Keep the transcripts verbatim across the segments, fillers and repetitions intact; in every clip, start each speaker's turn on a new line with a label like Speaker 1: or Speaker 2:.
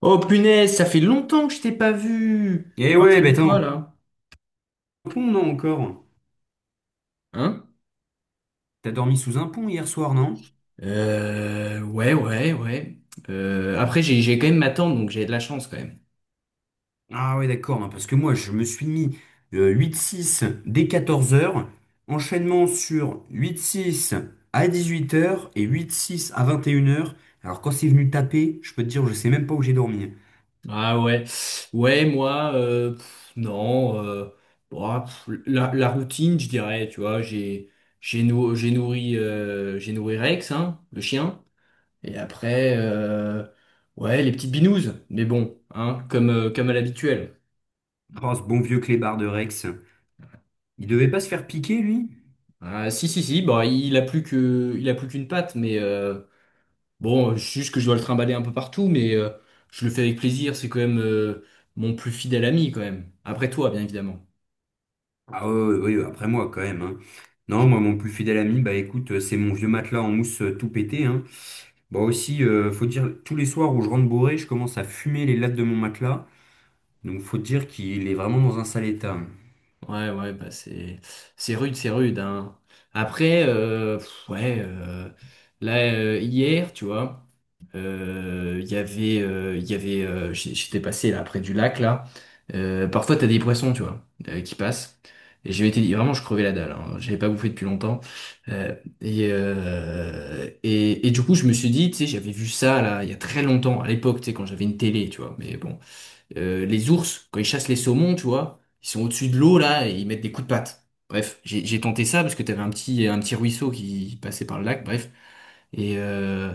Speaker 1: Oh punaise, ça fait longtemps que je t'ai pas vu.
Speaker 2: Eh
Speaker 1: Alors, ça
Speaker 2: ouais, bah
Speaker 1: dit
Speaker 2: t'es
Speaker 1: quoi
Speaker 2: en
Speaker 1: là?
Speaker 2: pont, non, encore?
Speaker 1: Hein?
Speaker 2: T'as dormi sous un pont hier soir, non?
Speaker 1: Euh, ouais, ouais, ouais. Euh, après, j'ai, j'ai quand même ma tante, donc j'ai de la chance quand même.
Speaker 2: Ah ouais, d'accord, non, parce que moi, je me suis mis euh, huit six dès quatorze heures, enchaînement sur huit six à dix-huit heures et huit six à vingt et une heures. Alors quand c'est venu taper, je peux te dire, je sais même pas où j'ai dormi.
Speaker 1: Ah ouais. Ouais, moi, euh, pff, non. euh, bah, pff, la, la routine, je dirais, tu vois, j'ai, j'ai nou- j'ai nourri, euh, j'ai nourri Rex, hein, le chien. Et après, euh, ouais, les petites binouses. Mais bon, hein, comme, euh, comme à l'habituel.
Speaker 2: Oh, ce bon vieux clébard de Rex. Il devait pas se faire piquer, lui?
Speaker 1: Ah, si, si, si, bon, il a plus que, il a plus qu'une patte, mais euh, bon, juste que je dois le trimballer un peu partout, mais euh, je le fais avec plaisir, c'est quand même euh, mon plus fidèle ami, quand même. Après toi, bien évidemment.
Speaker 2: Ah oui, après moi, quand même, hein. Non, moi, mon plus fidèle ami, bah écoute, euh, c'est mon vieux matelas en mousse euh, tout pété, hein. Bon aussi, euh, faut dire, tous les soirs où je rentre bourré, je commence à fumer les lattes de mon matelas. Donc faut dire qu'il est vraiment dans un sale état.
Speaker 1: Ouais, ouais, bah c'est c'est rude, c'est rude, hein. Après, euh, pff, ouais, euh, là euh, hier, tu vois, euh, il y avait, euh, il y avait, euh, j'- j'étais passé là près du lac là. Euh, parfois t'as des poissons, tu vois, euh, qui passent. Et j'avais été vraiment, je crevais la dalle. Hein. J'avais pas bouffé depuis longtemps. Euh, et, euh, et et du coup, je me suis dit, tu sais, j'avais vu ça là il y a très longtemps, à l'époque, tu sais, quand j'avais une télé, tu vois. Mais bon. Euh, les ours, quand ils chassent les saumons, tu vois, ils sont au-dessus de l'eau là et ils mettent des coups de patte. Bref, j'ai j'ai tenté ça parce que t'avais un petit, un petit ruisseau qui passait par le lac, bref. Et euh,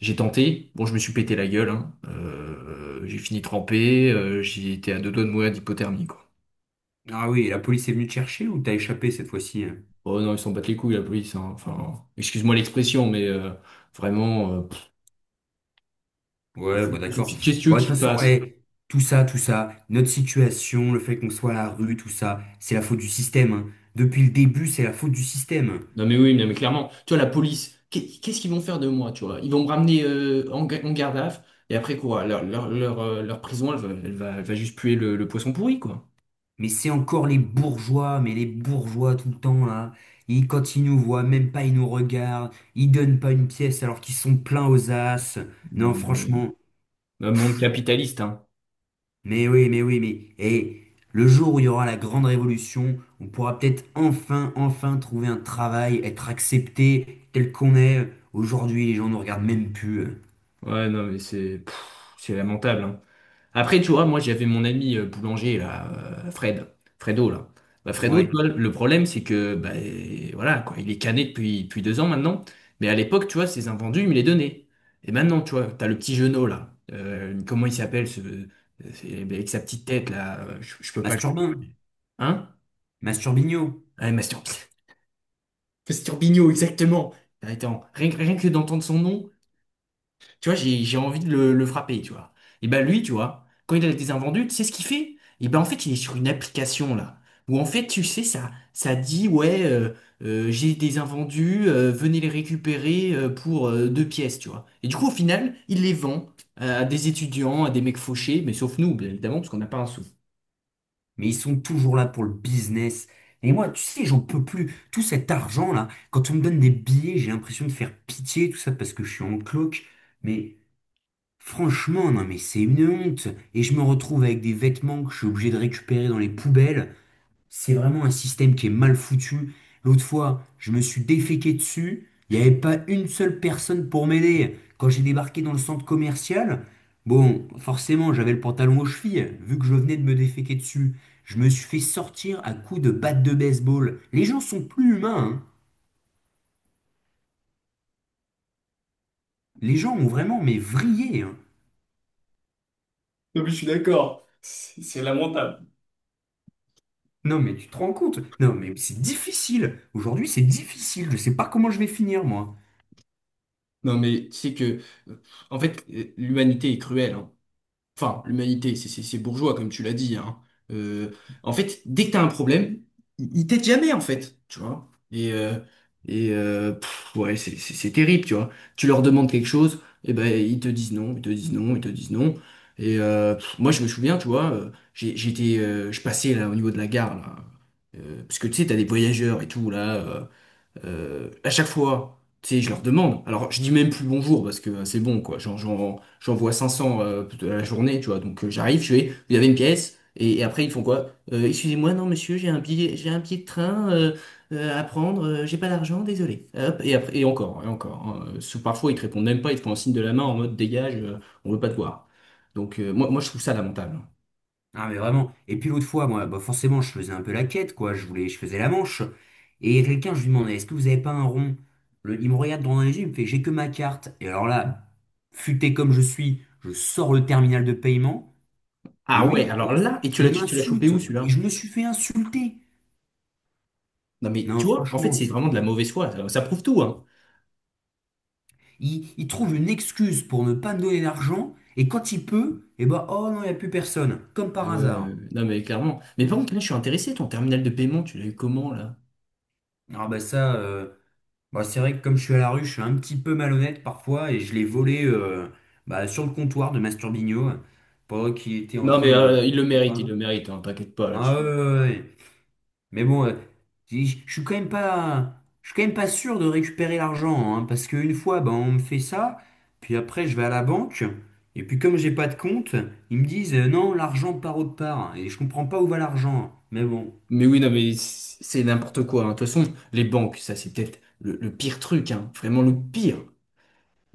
Speaker 1: j'ai tenté. Bon, je me suis pété la gueule, hein. Euh, j'ai fini trempé, euh, j'ai été à deux doigts de mourir d'hypothermie, quoi.
Speaker 2: Ah oui, la police est venue te chercher ou t'as échappé cette fois-ci, hein?
Speaker 1: Oh non, ils s'en battent les couilles, la police, hein. Enfin, excuse-moi l'expression, mais euh, vraiment, euh, pff,
Speaker 2: Ouais, bon d'accord.
Speaker 1: qu'est-ce que tu veux
Speaker 2: Bon, de toute
Speaker 1: qu'ils
Speaker 2: façon,
Speaker 1: fassent?
Speaker 2: eh, tout ça, tout ça, notre situation, le fait qu'on soit à la rue, tout ça, c'est la faute du système, hein. Depuis le début, c'est la faute du système.
Speaker 1: Non mais oui, non mais clairement, tu vois, la police, qu'est- qu'est-ce qu'ils vont faire de moi, tu vois? Ils vont me ramener euh, en, ga- en garde à vue, et après quoi? Leur, leur, leur, euh, leur prison, elle va, elle va, elle va juste puer le, le poisson pourri, quoi.
Speaker 2: Mais c'est encore les bourgeois, mais les bourgeois tout le temps là. Ils, quand ils nous voient, même pas ils nous regardent. Ils donnent pas une pièce alors qu'ils sont pleins aux as. Non,
Speaker 1: Bon, euh,
Speaker 2: franchement.
Speaker 1: un monde capitaliste, hein.
Speaker 2: Mais oui, mais oui, mais et le jour où il y aura la grande révolution, on pourra peut-être enfin, enfin trouver un travail, être accepté tel qu'on est. Aujourd'hui, les gens ne regardent même plus, hein.
Speaker 1: Ouais, non mais c'est pff, c'est lamentable, hein. Après, tu vois, moi, j'avais mon ami euh, boulanger, là, euh, Fred, Fredo, là. Bah, Fredo,
Speaker 2: Ouais,
Speaker 1: tu vois, le problème, c'est que, bah, euh, voilà, quoi, il est cané depuis, depuis deux ans maintenant. Mais à l'époque, tu vois, ses invendus, il me les donnait. Et maintenant, tu vois, t'as le petit Jeunot, là. Euh, comment il s'appelle, ce, euh, c'est- bah, avec sa petite tête, là. euh, Je, je peux pas le.
Speaker 2: Masturbin,
Speaker 1: Hein?
Speaker 2: Masturbino,
Speaker 1: Ah, Mastur... Masturbino, exactement. Attends, rien, que rien que d'entendre son nom, tu vois, j'ai, j'ai envie de le, le frapper, tu vois. Et ben lui, tu vois, quand il a des invendus, tu sais ce qu'il fait? Et ben en fait, il est sur une application là, où en fait, tu sais, ça, ça dit, ouais, euh, euh, j'ai des invendus, euh, venez les récupérer euh, pour euh, deux pièces, tu vois. Et du coup, au final, il les vend euh, à des étudiants, à des mecs fauchés, mais sauf nous, bien évidemment, parce qu'on n'a pas un sou.
Speaker 2: mais ils sont toujours là pour le business. Et moi, tu sais, j'en peux plus. Tout cet argent là, quand on me donne des billets, j'ai l'impression de faire pitié, tout ça parce que je suis en cloque. Mais franchement, non, mais c'est une honte. Et je me retrouve avec des vêtements que je suis obligé de récupérer dans les poubelles. C'est vraiment un système qui est mal foutu. L'autre fois, je me suis déféqué dessus. Il n'y avait pas une seule personne pour m'aider. Quand j'ai débarqué dans le centre commercial, bon, forcément, j'avais le pantalon aux chevilles, vu que je venais de me déféquer dessus. Je me suis fait sortir à coups de batte de baseball. Les gens sont plus humains, hein. Les gens ont vraiment, mais vrillé, hein.
Speaker 1: Non, mais je suis d'accord.
Speaker 2: Non, mais tu te rends compte? Non, mais c'est difficile. Aujourd'hui, c'est difficile. Je sais pas comment je vais finir, moi.
Speaker 1: Non mais tu sais que, euh, en fait, euh, l'humanité est cruelle, hein. Enfin, l'humanité, c'est c'est- c'est bourgeois, comme tu l'as dit, hein. Euh, En fait, dès que t'as un problème, ils ils t'aident jamais, en fait, tu vois. Et, euh, et euh, pff, ouais, c'est c'est- c'est terrible, tu vois. Tu leur demandes quelque chose, et ben ils te disent non, ils te disent non, ils te disent non. Et euh, pff, moi, je me souviens, tu vois, euh, j'ai- j'étais, euh, je passais là au niveau de la gare, là. Euh, parce que tu sais, t'as des voyageurs et tout là. Euh, euh, à chaque fois, tu sais, je leur demande. Alors, je dis même plus bonjour parce que euh, c'est bon, quoi. J'en, j'en- j'envoie cinq cents euh, à la journée, tu vois. Donc, euh, j'arrive, je fais, vous avez une pièce. Et, et après, ils font quoi? Euh, excusez-moi, non, monsieur, j'ai un billet, j'ai un billet de train euh, euh, à prendre. Euh, j'ai pas d'argent, désolé. Hop, et après, et encore, et encore, hein. Euh, sous- parfois, ils te répondent même pas. Ils te font un signe de la main en mode dégage, euh, on veut pas te voir. Donc, euh, moi, moi, je trouve ça lamentable, hein.
Speaker 2: Ah mais vraiment. Et puis l'autre fois, moi, bah forcément, je faisais un peu la quête, quoi. Je voulais, je faisais la manche. Et il y a quelqu'un, je lui demandais, est-ce que vous avez pas un rond? Le- il me regarde droit dans les yeux, il me fait, j'ai que ma carte. Et alors là, futé comme je suis, je sors le terminal de paiement. Et
Speaker 1: Ah
Speaker 2: lui, il
Speaker 1: ouais, alors
Speaker 2: commence,
Speaker 1: là, et tu l'as,
Speaker 2: il
Speaker 1: tu, tu l'as chopé
Speaker 2: m'insulte.
Speaker 1: où
Speaker 2: Et
Speaker 1: celui-là?
Speaker 2: je me suis fait insulter.
Speaker 1: Non, mais
Speaker 2: Non,
Speaker 1: tu vois, en fait,
Speaker 2: franchement,
Speaker 1: c'est vraiment de la
Speaker 2: c'était.
Speaker 1: mauvaise foi. Ça, ça prouve tout, hein.
Speaker 2: Il, il trouve une excuse pour ne pas me donner d'argent. Et quand il peut, eh ben, oh non, il n'y a plus personne. Comme par hasard.
Speaker 1: Euh, non mais clairement. Mais par contre, là, je suis intéressé, ton terminal de paiement, tu l'as eu comment là?
Speaker 2: Ah bah ça. euh, Bah, c'est vrai que comme je suis à la rue, je suis un petit peu malhonnête parfois et je l'ai volé euh, bah, sur le comptoir de Masturbino euh, pendant qu'il était en
Speaker 1: Non mais
Speaker 2: train de
Speaker 1: euh, il
Speaker 2: faire
Speaker 1: le
Speaker 2: son
Speaker 1: mérite, il
Speaker 2: pain.
Speaker 1: le mérite, hein, t'inquiète pas
Speaker 2: Ah ouais,
Speaker 1: là-dessus.
Speaker 2: ouais, ouais, ouais. Mais bon, euh, je je suis quand même pas, je suis quand même pas sûr de récupérer l'argent hein, parce qu'une fois, bah, on me fait ça, puis après je vais à la banque et puis comme j'ai pas de compte, ils me disent euh, non, l'argent part autre part et je comprends pas où va l'argent. Mais bon.
Speaker 1: Mais oui, non mais c- c'est n'importe quoi, hein. De toute façon, les banques, ça c'est peut-être le, le pire truc, hein, vraiment le pire.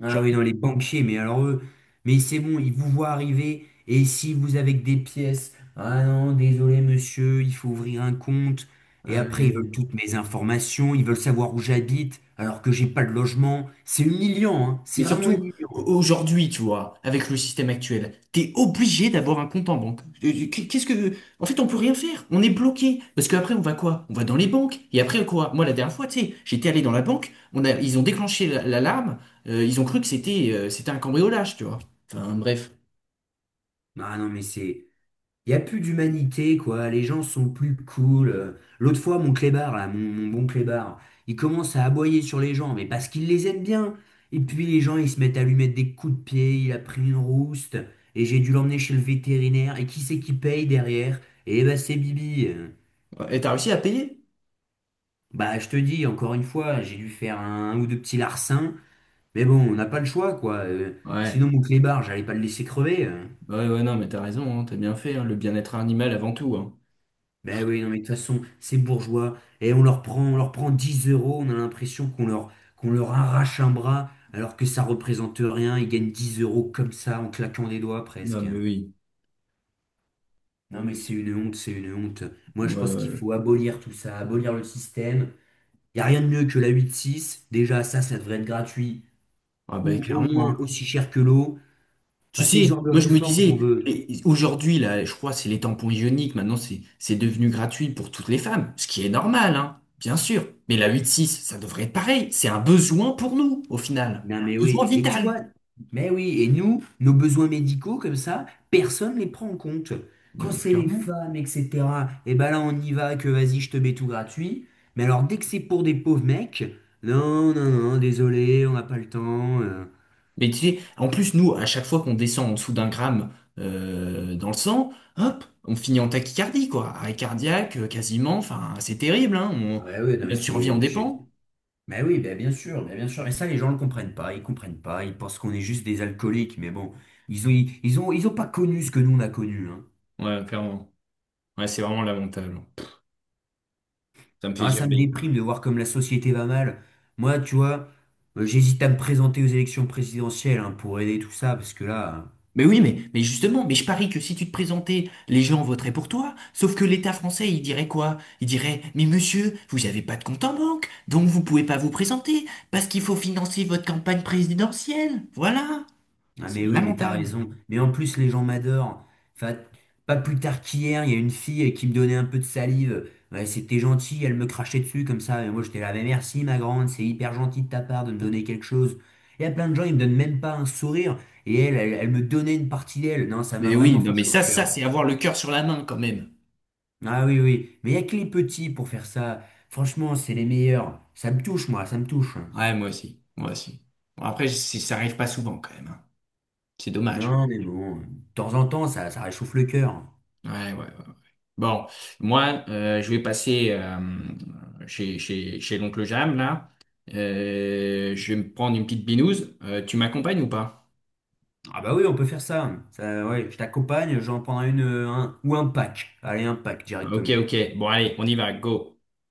Speaker 2: Ah
Speaker 1: Genre,
Speaker 2: oui, non, les banquiers, mais alors eux, mais c'est bon, ils vous voient arriver, et si vous avez que des pièces, ah non, désolé monsieur, il faut ouvrir un compte, et après ils veulent
Speaker 1: euh,
Speaker 2: toutes mes informations, ils veulent savoir où j'habite, alors que j'ai pas de logement, c'est humiliant, hein, c'est
Speaker 1: mais
Speaker 2: vraiment
Speaker 1: surtout,
Speaker 2: humiliant.
Speaker 1: aujourd'hui, tu vois, avec le système actuel, t'es obligé d'avoir un compte en banque. Euh, euh, Qu'est-ce que... en fait, on peut rien faire. On est bloqué. Parce qu'après, on va quoi? On va dans les banques. Et après, quoi? Moi, la dernière fois, tu sais, j'étais allé dans la banque, on a... ils ont déclenché la- l'alarme, euh, ils ont cru que c'était euh, c'était un cambriolage, tu vois. Enfin, bref.
Speaker 2: Ah non, mais c'est, il n'y a plus d'humanité, quoi. Les gens sont plus cool. Euh, L'autre fois, mon clébard, là, mon, mon bon clébard, il commence à aboyer sur les gens, mais parce qu'il les aime bien. Et puis les gens, ils se mettent à lui mettre des coups de pied, il a pris une rouste, et j'ai dû l'emmener chez le vétérinaire. Et qui c'est qui paye derrière? Eh ben, c'est Bibi. Euh,
Speaker 1: Et t'as réussi à payer?
Speaker 2: Bah, je te dis, encore une fois, j'ai dû faire un ou deux petits larcins, mais bon, on n'a pas le choix, quoi. Euh,
Speaker 1: Ouais.
Speaker 2: Sinon, mon clébard, j'allais pas le laisser crever, hein.
Speaker 1: Ouais, ouais, non, mais t'as raison, hein, t'as bien fait, hein, le bien-être animal avant tout, hein.
Speaker 2: Ben oui, non, mais de toute façon, ces bourgeois, et on leur prend, on leur prend dix euros, on a l'impression qu'on leur, qu'on leur arrache un bras, alors que ça représente rien, ils gagnent dix euros comme ça, en claquant des doigts
Speaker 1: Non,
Speaker 2: presque.
Speaker 1: mais oui.
Speaker 2: Non, mais c'est une honte, c'est une honte. Moi,
Speaker 1: Ouais,
Speaker 2: je pense qu'il
Speaker 1: ouais.
Speaker 2: faut abolir tout ça, abolir le système. Il n'y a rien de mieux que la huit six. Déjà, ça, ça devrait être gratuit,
Speaker 1: Ah, bah,
Speaker 2: ou au moins
Speaker 1: clairement, hein.
Speaker 2: aussi cher que l'eau.
Speaker 1: Tu
Speaker 2: Enfin, c'est ce
Speaker 1: sais,
Speaker 2: genre de
Speaker 1: moi je me
Speaker 2: réforme qu'on
Speaker 1: disais,
Speaker 2: veut.
Speaker 1: et- aujourd'hui, là, je crois que c'est les tampons ioniques, maintenant c'est c'est devenu gratuit pour toutes les femmes, ce qui est normal, hein, bien sûr. Mais la huit six, ça devrait être pareil. C'est un besoin pour nous, au final.
Speaker 2: Non,
Speaker 1: Un
Speaker 2: mais
Speaker 1: besoin
Speaker 2: oui. Et tu vois,
Speaker 1: vital,
Speaker 2: mais oui. Et nous, nos besoins médicaux, comme ça, personne ne les prend en compte. Quand
Speaker 1: euh,
Speaker 2: c'est les
Speaker 1: clairement.
Speaker 2: femmes, et cetera, et ben là, on y va, que vas-y, je te mets tout gratuit. Mais alors, dès que c'est pour des pauvres mecs, non, non, non, désolé, on n'a pas le temps. euh.
Speaker 1: Mais tu sais, en plus, nous, à chaque fois qu'on descend en dessous d'un gramme euh, dans le sang, hop, on finit en tachycardie, quoi. Arrêt cardiaque, euh, quasiment, enfin, c'est terrible, hein. On-
Speaker 2: Ah, bah oui, non, mais
Speaker 1: notre survie en
Speaker 2: c'est. je-
Speaker 1: dépend.
Speaker 2: Mais oui, bah, bien sûr, bah, bien sûr. Et ça, les gens ne le comprennent pas. Ils comprennent pas. Ils pensent qu'on est juste des alcooliques. Mais bon, ils ont, ils ont, ils ont pas connu ce que nous, on a connu.
Speaker 1: Ouais, clairement. Ouais, c'est vraiment lamentable. Ça me fait
Speaker 2: Non, ça me
Speaker 1: gerber.
Speaker 2: déprime de voir comme la société va mal. Moi, tu vois, euh, j'hésite à me présenter aux élections présidentielles hein, pour aider tout ça, parce que là,
Speaker 1: Mais oui, mais, mais justement, mais je parie que si tu te présentais, les gens voteraient pour toi. Sauf que l'État français, il dirait quoi? Il dirait, mais monsieur, vous n'avez pas de compte en banque, donc vous pouvez pas vous présenter, parce qu'il faut financer votre campagne présidentielle. Voilà.
Speaker 2: euh, ah
Speaker 1: C'est
Speaker 2: mais oui, mais t'as
Speaker 1: lamentable.
Speaker 2: raison. Mais en plus, les gens m'adorent. Enfin, pas plus tard qu'hier, il y a une fille qui me donnait un peu de salive. Ouais, c'était gentil, elle me crachait dessus comme ça. Et moi, j'étais là, mais merci, ma grande, c'est hyper gentil de ta part de me donner quelque chose. Il y a plein de gens, ils me donnent même pas un sourire. Et elle, elle, elle me donnait une partie d'elle. Non, ça m'a
Speaker 1: Mais oui,
Speaker 2: vraiment
Speaker 1: non,
Speaker 2: fait
Speaker 1: mais
Speaker 2: chaud au
Speaker 1: ça, ça,
Speaker 2: cœur.
Speaker 1: c'est avoir le cœur sur la main quand même.
Speaker 2: Ah oui, oui. Mais il n'y a que les petits pour faire ça. Franchement, c'est les meilleurs. Ça me touche, moi, ça me touche.
Speaker 1: Ouais, moi aussi, moi aussi. Bon, après, c'est- ça arrive pas souvent quand même, hein. C'est dommage.
Speaker 2: Non, mais bon, de temps en temps, ça, ça réchauffe le cœur.
Speaker 1: Ouais, ouais. Bon, moi, euh, je vais passer euh, chez, chez, chez l'oncle Jam, là. Euh, je vais me prendre une petite binouse. Euh, tu m'accompagnes ou pas?
Speaker 2: Ah bah oui, on peut faire ça. Ça, ouais, je t'accompagne, j'en prendrai une, euh, un- ou un pack. Allez, un pack
Speaker 1: Ah, ok,
Speaker 2: directement.
Speaker 1: ok. Bon, allez, on y va, go.